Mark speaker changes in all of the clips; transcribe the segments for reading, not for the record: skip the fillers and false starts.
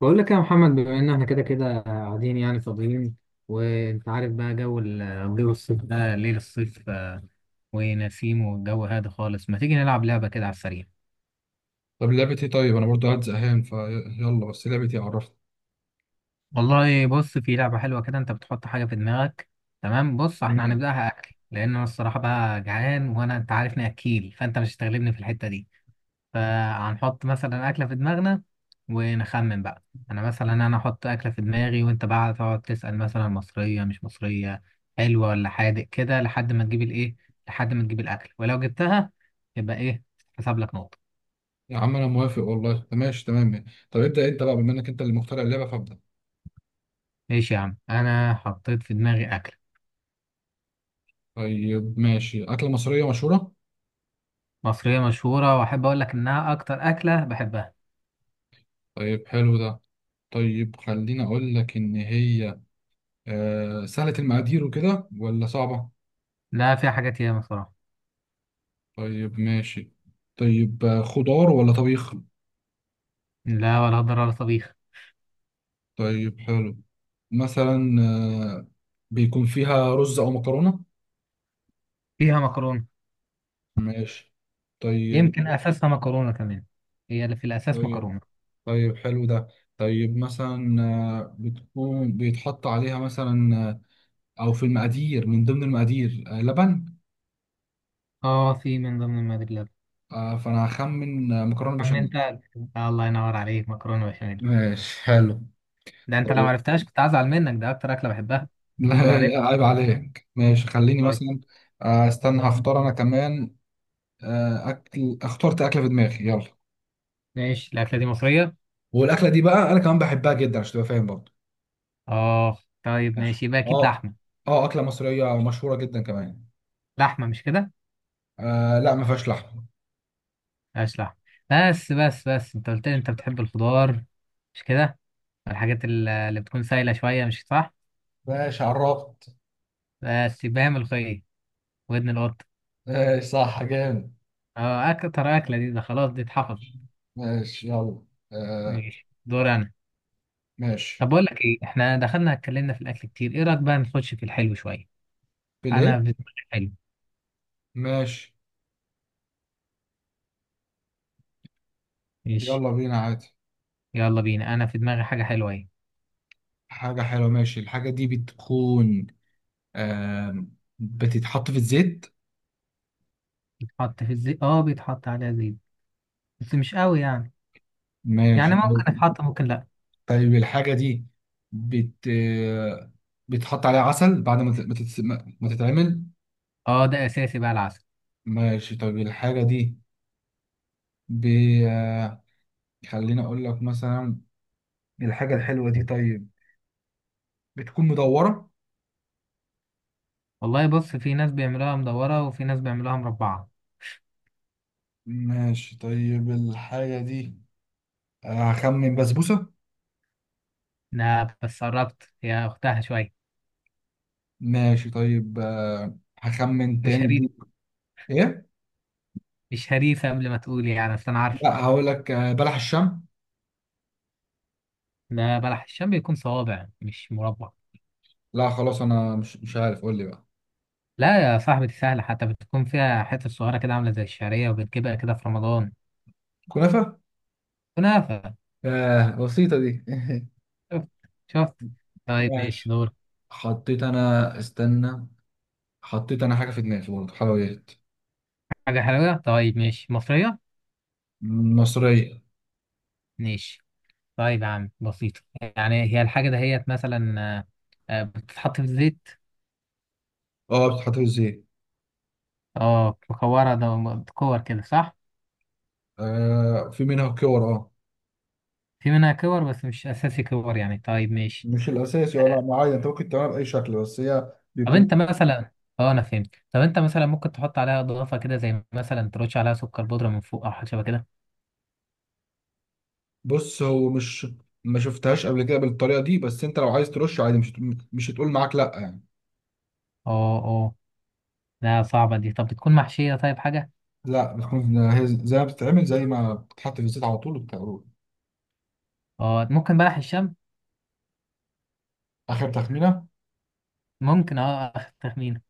Speaker 1: بقول لك يا محمد، بما ان احنا كده كده قاعدين يعني فاضيين. وانت عارف بقى جو جو الصيف ده، ليل الصيف ونسيم والجو هادي خالص. ما تيجي نلعب لعبة كده على السريع.
Speaker 2: طب لعبة ايه؟ طيب انا برضو قاعد زهقان فيلا، بس لعبة ايه؟ عرفني.
Speaker 1: والله بص، في لعبة حلوة كده، انت بتحط حاجة في دماغك. تمام، بص احنا
Speaker 2: تمام.
Speaker 1: هنبدأها اكل، لان انا الصراحة بقى جعان، وانا انت عارفني اكيل، فانت مش هتغلبني في الحتة دي. فهنحط مثلا أكلة في دماغنا ونخمن بقى. أنا مثلا أنا أحط أكلة في دماغي، وأنت بقى تقعد تسأل مثلا مصرية مش مصرية، حلوة ولا حادق كده، لحد ما تجيب الإيه، لحد ما تجيب الأكل. ولو جبتها يبقى إيه؟ حسب لك نقطة.
Speaker 2: يا عم انا موافق والله. طب ماشي، تمام. طب ابدأ انت بقى، بما انك انت اللي مخترع اللعبة فابدأ.
Speaker 1: ماشي يا عم، أنا حطيت في دماغي أكلة
Speaker 2: طيب ماشي. أكلة مصرية مشهورة؟
Speaker 1: مصرية مشهورة، وأحب أقول لك إنها أكتر أكلة بحبها.
Speaker 2: طيب حلو ده. طيب خليني اقول لك ان هي سهلة المقادير وكده، ولا صعبة؟
Speaker 1: لا فيها حاجات ياما صراحة.
Speaker 2: طيب ماشي. طيب خضار ولا طبيخ؟
Speaker 1: لا، ولا هضر ولا طبيخ.
Speaker 2: طيب حلو. مثلا آه بيكون فيها رز او مكرونة؟
Speaker 1: فيها مكرونة.
Speaker 2: ماشي، طيب.
Speaker 1: يمكن أساسها مكرونة كمان، هي اللي في الأساس
Speaker 2: طيب،
Speaker 1: مكرونة.
Speaker 2: طيب حلو ده. طيب مثلا بتكون بيتحط عليها مثلا، او في المقادير، من ضمن المقادير لبن.
Speaker 1: اه، في من ضمن المقادير.
Speaker 2: فانا هخمن مكرونه
Speaker 1: عم
Speaker 2: بشاميل.
Speaker 1: انت، الله ينور عليك، مكرونه بشاميل.
Speaker 2: ماشي حلو.
Speaker 1: ده انت لو ما
Speaker 2: طيب
Speaker 1: عرفتهاش كنت هزعل منك، ده اكتر اكله بحبها.
Speaker 2: لا،
Speaker 1: خد عارف.
Speaker 2: عيب عليك. ماشي، خليني
Speaker 1: طيب
Speaker 2: مثلا استنى هختار انا كمان. اكل، اخترت اكله في دماغي، يلا.
Speaker 1: ماشي، الاكله دي مصريه.
Speaker 2: والاكله دي بقى انا كمان بحبها جدا، عشان تبقى فاهم برضه.
Speaker 1: اه طيب
Speaker 2: ماشي
Speaker 1: ماشي، يبقى اكيد
Speaker 2: اه.
Speaker 1: لحمه.
Speaker 2: اه، اكله مصريه مشهوره جدا كمان.
Speaker 1: لحمه مش كده؟
Speaker 2: لا، ما فيهاش لحمه.
Speaker 1: ماشي لحمه. بس بس بس، انت قلت لي انت بتحب الخضار مش كده؟ الحاجات اللي بتكون سايله شويه مش صح؟
Speaker 2: ماشي عرفت.
Speaker 1: بس يبقى هي ملوخيه، ودن القط.
Speaker 2: ماشي صح، جامد.
Speaker 1: اه اكتر اكله دي، ده خلاص دي اتحفظت.
Speaker 2: ماشي يلا. آه.
Speaker 1: ماشي دور انا. طب
Speaker 2: ماشي.
Speaker 1: بقول لك ايه، احنا دخلنا اتكلمنا في الاكل كتير، ايه رايك بقى نخش في الحلو شويه.
Speaker 2: بلاي.
Speaker 1: انا في دماغي حلو.
Speaker 2: ماشي.
Speaker 1: ماشي
Speaker 2: يلا بينا عادي.
Speaker 1: يلا بينا، انا في دماغي حاجه حلوه اهي.
Speaker 2: حاجة حلوة، ماشي. الحاجة دي بتكون آه بتتحط في الزيت.
Speaker 1: بيتحط في الزيت، اه بيتحط عليها زيت، بس مش قوي يعني.
Speaker 2: ماشي
Speaker 1: يعني
Speaker 2: طيب.
Speaker 1: ممكن يتحط ممكن لا.
Speaker 2: طيب الحاجة دي بت آه، بتحط عليها عسل بعد ما ت- ما تتس- ما- ما تتعمل.
Speaker 1: اه ده اساسي بقى العسل.
Speaker 2: ماشي طيب. الحاجة دي ب... آه، خليني أقول لك مثلا. الحاجة الحلوة دي، طيب، بتكون مدورة.
Speaker 1: والله بص، في ناس بيعملوها مدوره وفي ناس بيعملوها مربعه.
Speaker 2: ماشي طيب. الحاجة دي هخمن بسبوسة.
Speaker 1: لا بس قربت يا اختها شويه.
Speaker 2: ماشي طيب. هخمن
Speaker 1: مش
Speaker 2: تاني
Speaker 1: هريف.
Speaker 2: دي. ايه؟
Speaker 1: مش هريفه، قبل ما تقول يعني اصل انا عارف.
Speaker 2: لا، هقول لك بلح الشام.
Speaker 1: ده بلح الشام بيكون صوابع مش مربع.
Speaker 2: لا خلاص، انا مش عارف، قول لي بقى.
Speaker 1: لا يا صاحبتي سهله، حتى بتكون فيها حته صغيره كده عامله زي الشعريه، وبتجيبها كده في رمضان.
Speaker 2: كنافة.
Speaker 1: كنافه.
Speaker 2: بسيطة دي.
Speaker 1: شفت؟ شفت؟ طيب ماشي
Speaker 2: ماشي.
Speaker 1: دور.
Speaker 2: حطيت انا، استنى. حطيت انا حاجة في دماغي برضه، حلويات.
Speaker 1: حاجة حلوة طيب ماشي، مصرية.
Speaker 2: مصرية.
Speaker 1: ماشي طيب يا عم بسيطة. يعني هي الحاجة دهيت مثلا بتتحط في الزيت.
Speaker 2: اه، بتتحط في الزيت.
Speaker 1: اه مكورة، ده كور كده صح؟
Speaker 2: في منها كور، اه.
Speaker 1: في منها كور، بس مش أساسي كور يعني، طيب ماشي.
Speaker 2: مش الاساسي ولا معين، انت ممكن تعملها باي شكل، بس هي
Speaker 1: طب
Speaker 2: بيكون.
Speaker 1: أنت مثلا، اه أنا فهمت، طب أنت مثلا ممكن تحط عليها إضافة كده زي مثلا ترش عليها سكر بودرة من فوق أو حاجة شبه كده.
Speaker 2: بص هو مش، ما شفتهاش قبل كده بالطريقة دي، بس انت لو عايز ترش عادي، مش هتقول معاك لا يعني.
Speaker 1: اه اه. لا صعبة دي. طب بتكون محشية؟ طيب حاجة،
Speaker 2: لا، بتكون هي زي ما بتتعمل، زي ما بتتحط في الزيت على طول وبتقلوب.
Speaker 1: اه ممكن بلح الشام؟
Speaker 2: آخر تخمينة.
Speaker 1: ممكن، اه آخر تخمينة.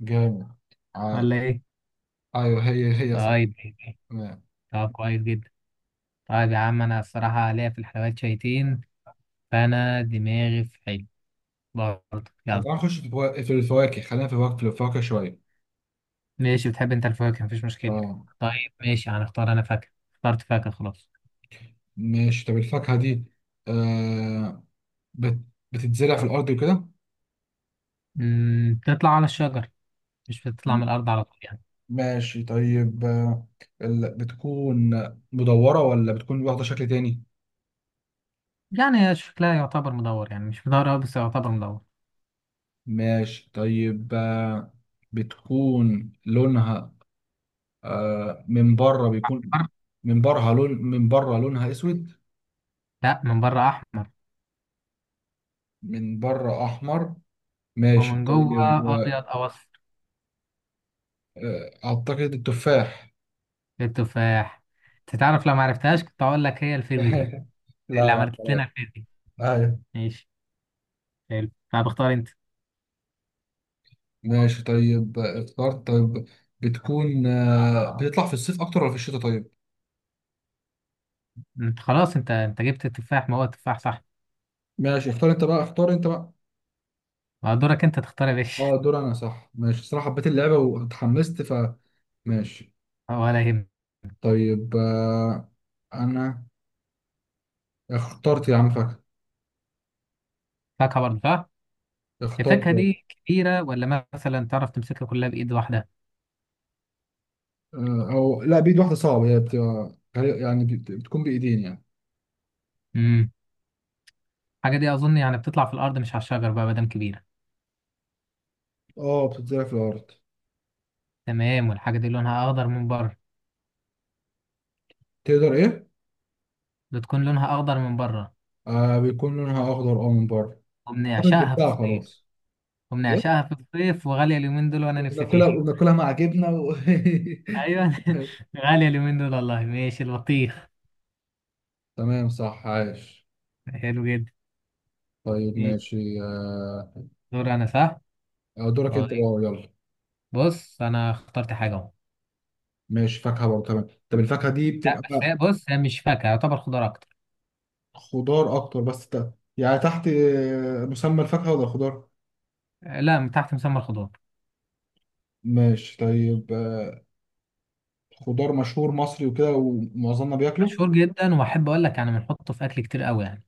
Speaker 2: جامد. آه.
Speaker 1: ولا إيه؟
Speaker 2: أيوه، هي صح.
Speaker 1: طيب.
Speaker 2: تمام.
Speaker 1: طب كويس جدا. طيب يا عم، انا الصراحة ليا في الحلويات شويتين، فانا دماغي في حلو برضه
Speaker 2: طب
Speaker 1: يلا.
Speaker 2: تعالى نخش في الفواكه، خلينا في الفواكه شوية.
Speaker 1: ماشي، بتحب انت الفواكه مفيش مشكلة.
Speaker 2: اه.
Speaker 1: طيب ماشي، هنختار. انا فاكهة، اخترت فاكهة خلاص.
Speaker 2: ماشي. طب الفاكهة دي آه بت... بتتزرع في الأرض وكده؟
Speaker 1: بتطلع على الشجر، مش بتطلع من
Speaker 2: م-
Speaker 1: الارض على طول يعني.
Speaker 2: ماشي طيب. بتكون مدورة، ولا بتكون واخدة شكل تاني؟
Speaker 1: يعني هي شكلها يعتبر مدور، يعني مش مدور أوي بس يعتبر مدور.
Speaker 2: ماشي طيب. بتكون لونها، من بره بيكون.
Speaker 1: بر-
Speaker 2: من بره لونها اسود.
Speaker 1: لا من بره احمر.
Speaker 2: من بره احمر. ماشي
Speaker 1: ومن جوه
Speaker 2: طيب.
Speaker 1: ابيض او اصفر.
Speaker 2: اعتقد التفاح.
Speaker 1: التفاح. تتعرف، لو معرفتهاش كنت اقول لك هي الفيزياء، اللي
Speaker 2: لا، لا.
Speaker 1: عملت لنا الفيزياء.
Speaker 2: ايوه.
Speaker 1: ماشي حلو، طب اختار انت.
Speaker 2: ماشي طيب. اخترت، طيب. بتكون بتطلع في الصيف اكتر، ولا في الشتاء؟ طيب.
Speaker 1: انت خلاص، انت انت جبت التفاح، ما هو التفاح صح.
Speaker 2: ماشي، اختار انت بقى، اختار انت بقى.
Speaker 1: ما هو دورك انت تختار يا باشا.
Speaker 2: اه، دور انا، صح. ماشي، صراحة حبيت اللعبة واتحمست. ماشي
Speaker 1: ولا يهم.
Speaker 2: طيب. انا اخترت يا عم، فاكر.
Speaker 1: فاكهة برضه صح؟
Speaker 2: اخترت.
Speaker 1: الفاكهة دي كبيرة، ولا مثلا تعرف تمسكها كلها بإيد واحدة؟
Speaker 2: او لا، بايد واحده صعبه، هي بتبقى يعني بتكون بايدين يعني.
Speaker 1: امم الحاجة دي أظن يعني بتطلع في الأرض مش على الشجر بقى مادام كبيرة.
Speaker 2: اه، بتتزرع في الارض.
Speaker 1: تمام، والحاجة دي لونها أخضر من بره؟
Speaker 2: تقدر ايه؟
Speaker 1: بتكون لونها أخضر من بره.
Speaker 2: بيكون لونها اخضر، اه، من بره. اعتقد
Speaker 1: وبنعشقها في
Speaker 2: جبتها،
Speaker 1: الصيف.
Speaker 2: خلاص. ايه؟
Speaker 1: وبنعشقها في الصيف، وغالية اليومين دول وأنا نفسي
Speaker 2: ناكلها
Speaker 1: فيها.
Speaker 2: ناكلها مع جبنه و...
Speaker 1: أيوه غالية اليومين دول والله. ماشي البطيخ.
Speaker 2: تمام، صح، عايش.
Speaker 1: حلو جدا.
Speaker 2: طيب،
Speaker 1: ماشي
Speaker 2: ماشي.
Speaker 1: دور أنا صح؟
Speaker 2: دورك انت بقى،
Speaker 1: طيب
Speaker 2: يلا.
Speaker 1: بص أنا اخترت حاجة أهو.
Speaker 2: ماشي، فاكهه برضه، تمام. طب الفاكهه دي
Speaker 1: لا بس
Speaker 2: بتبقى.
Speaker 1: هي بص، هي مش فاكهة، يعتبر خضار أكتر.
Speaker 2: خضار اكتر، بس يعني تحت مسمى الفاكهه ولا الخضار؟
Speaker 1: لا من تحت مسمى الخضار.
Speaker 2: ماشي طيب. خضار مشهور مصري وكده، ومعظمنا بياكله.
Speaker 1: مشهور جدا، وأحب أقول لك يعني بنحطه في أكل كتير قوي يعني.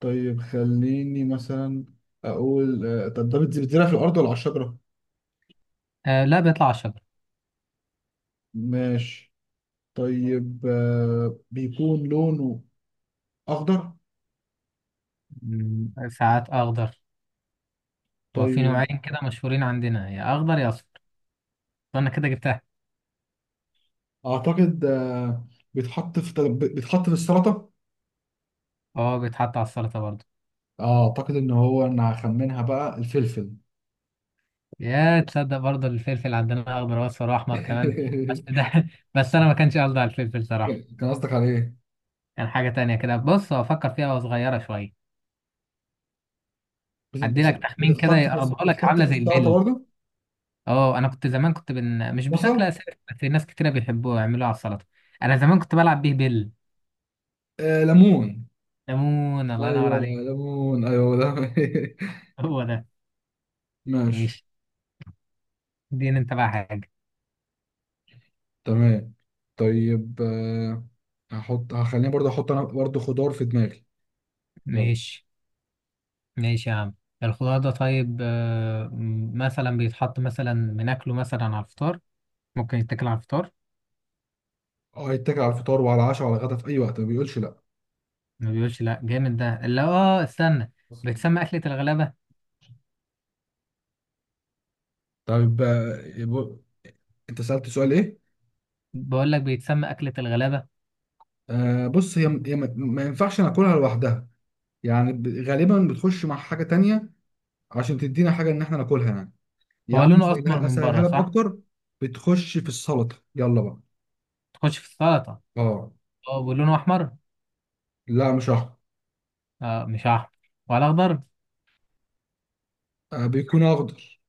Speaker 2: طيب خليني مثلا اقول طب ده بتزرع في الارض ولا على الشجره؟
Speaker 1: آه لا بيطلع على شجر.
Speaker 2: ماشي طيب. بيكون لونه اخضر.
Speaker 1: ساعات أخضر. وفي
Speaker 2: طيب.
Speaker 1: نوعين كده مشهورين عندنا، يا أخضر يا أصفر. أنا كده جبتها.
Speaker 2: اعتقد بيتحط في بيتحط في السلطه.
Speaker 1: أه بيتحط على السلطة برضه.
Speaker 2: اعتقد ان هو انا هخمنها بقى، الفلفل.
Speaker 1: يا تصدق، برضه الفلفل عندنا أخضر وأصفر وأحمر كمان. بس ده بس أنا ما كانش قصدي على الفلفل
Speaker 2: كان
Speaker 1: صراحة.
Speaker 2: كان قصدك على ايه؟
Speaker 1: كان حاجة تانية كده، بص هو أفكر فيها، وهو صغيرة شوية.
Speaker 2: بت-
Speaker 1: أدي لك تخمين كده يقربها لك،
Speaker 2: بتتحط
Speaker 1: عاملة
Speaker 2: في
Speaker 1: زي
Speaker 2: السلطه
Speaker 1: البل.
Speaker 2: برضه.
Speaker 1: اه انا كنت زمان كنت مش بشكل
Speaker 2: بصل.
Speaker 1: اساسي، بس الناس كتير بيحبوه يعملوه على السلطه. انا زمان كنت بلعب بيه بيل.
Speaker 2: ليمون.
Speaker 1: ليمون الله ينور
Speaker 2: ايوه.
Speaker 1: عليك.
Speaker 2: ليمون، ايوه ده.
Speaker 1: هو ده.
Speaker 2: ماشي.
Speaker 1: ماشي. دين انت بقى حاجه.
Speaker 2: تمام. طيب هخليني برضه احط انا برضه خضار في دماغي. يلا.
Speaker 1: ماشي ماشي يا عم. الخضار ده طيب، مثلا بيتحط، مثلا بناكله مثلا على الفطار. ممكن يتاكل على الفطار.
Speaker 2: اه، يتكل على الفطار وعلى العشاء وعلى الغدا، في اي وقت ما بيقولش لا.
Speaker 1: ما بيقولش لا. جامد، ده اللي اه، استنى، بيتسمى اكله الغلابه.
Speaker 2: طيب انت سألت سؤال ايه؟
Speaker 1: بقول لك بيتسمى اكله الغلابه.
Speaker 2: بص هي، ما ينفعش ناكلها لوحدها. يعني غالبا بتخش مع حاجة تانية، عشان تدينا حاجة ان احنا ناكلها يعني. يا
Speaker 1: هو
Speaker 2: عم،
Speaker 1: لونه اسمر من
Speaker 2: اسهلها
Speaker 1: بره
Speaker 2: لك
Speaker 1: صح؟
Speaker 2: اكتر. بتخش في السلطة، يلا بقى.
Speaker 1: تخش في السلطه.
Speaker 2: اه.
Speaker 1: اه ولونه احمر.
Speaker 2: لا مش احمر.
Speaker 1: آه مش احمر؟ ولا اخضر؟
Speaker 2: بيكون اخضر.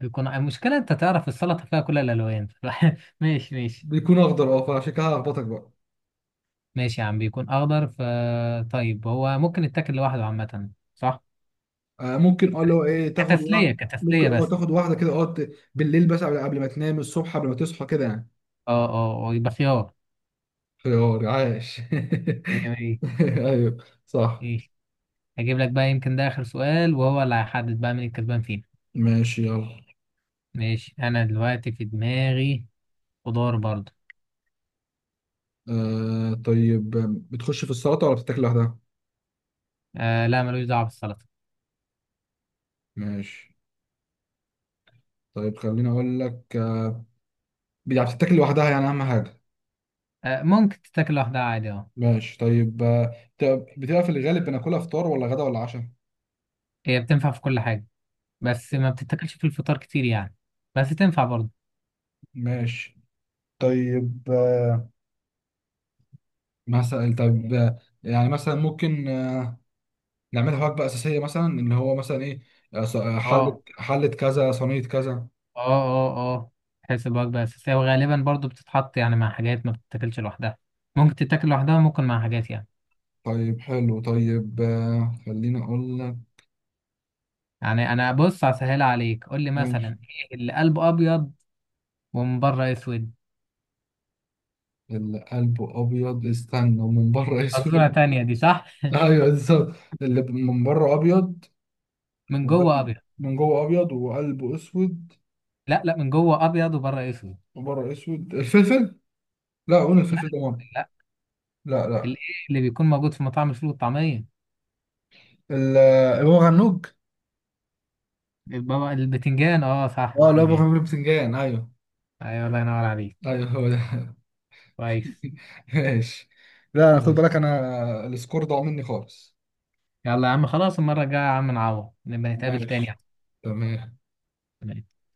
Speaker 1: بيكون المشكلة انت تعرف السلطة فيها كل الألوان. ماشي ماشي.
Speaker 2: بيكون اخضر، اه. فعشان كده هخبطك بقى.
Speaker 1: ماشي يا عم بيكون أخضر ف، طيب هو ممكن يتاكل لوحده عامة صح؟
Speaker 2: ممكن اه، اللي هو ايه، تاخد
Speaker 1: كتسلية
Speaker 2: واحد، ممكن
Speaker 1: كتسلية
Speaker 2: اه
Speaker 1: بس.
Speaker 2: تاخد واحده كده اه، بالليل، بس قبل ما تنام، الصبح قبل ما تصحى كده يعني.
Speaker 1: اه اه، يبقى خيار.
Speaker 2: خيار، عاش.
Speaker 1: ايه ايه
Speaker 2: ايوه. صح.
Speaker 1: ايه؟ هجيب لك بقى، يمكن ده آخر سؤال وهو اللي هيحدد بقى مين الكسبان فينا.
Speaker 2: ماشي، يلا.
Speaker 1: ماشي أنا دلوقتي في دماغي خضار برضه.
Speaker 2: طيب. بتخش في السلطه ولا بتتاكل لوحدها؟
Speaker 1: آه لا ملوش دعوة بالسلطة.
Speaker 2: ماشي طيب. خليني اقول لك يعني بتتاكل لوحدها يعني، اهم حاجه.
Speaker 1: آه ممكن تتاكل لوحدها عادي اه.
Speaker 2: ماشي طيب. بتبقى في الغالب بناكلها فطار ولا غدا ولا عشاء؟
Speaker 1: هي بتنفع في كل حاجة، بس ما بتتاكلش في الفطار كتير يعني، بس تنفع برضه.
Speaker 2: ماشي طيب. مثلا طب يعني مثلا ممكن نعملها وجبة أساسية مثلا، إن هو مثلا إيه حلة
Speaker 1: اه
Speaker 2: حلة كذا، صينية كذا.
Speaker 1: اه اه اه، تحسب وجبة أساسية، وغالبا برضو بتتحط يعني مع حاجات، ما بتتاكلش لوحدها. ممكن تتاكل لوحدها وممكن مع حاجات يعني.
Speaker 2: طيب حلو. طيب خليني أقول لك.
Speaker 1: يعني أنا بص هسهل عليك، قول لي مثلا
Speaker 2: ماشي.
Speaker 1: إيه اللي قلبه أبيض ومن بره أسود؟
Speaker 2: اللي قلبه أبيض، استنى، ومن بره
Speaker 1: فصورة
Speaker 2: أسود.
Speaker 1: تانية دي صح.
Speaker 2: أيوه، بالظبط. اللي من بره أبيض.
Speaker 1: من جوه أبيض.
Speaker 2: من جوه أبيض، وقلبه أسود.
Speaker 1: لا لا، من جوه أبيض وبره أسود.
Speaker 2: وبره أسود. الفلفل؟ لا، قول
Speaker 1: لا
Speaker 2: الفلفل ده مرة.
Speaker 1: لا.
Speaker 2: لا،
Speaker 1: الإيه
Speaker 2: لا.
Speaker 1: اللي بيكون موجود في مطاعم الفول والطعمية.
Speaker 2: أبو غنوج؟
Speaker 1: البابا البتنجان، اه صح
Speaker 2: أه لا، أبو
Speaker 1: البتنجان.
Speaker 2: غنوج بتنجان، أيوه.
Speaker 1: أيوة الله ينور عليك.
Speaker 2: أيوه، هو ده.
Speaker 1: كويس.
Speaker 2: ماشي. لا خد
Speaker 1: ماشي،
Speaker 2: بالك، انا السكور ضاع مني خالص.
Speaker 1: يلا يا عم خلاص، المرة الجاية يا عم نعوض، نبقى نتقابل تاني
Speaker 2: ماشي،
Speaker 1: يا
Speaker 2: تمام.
Speaker 1: عم.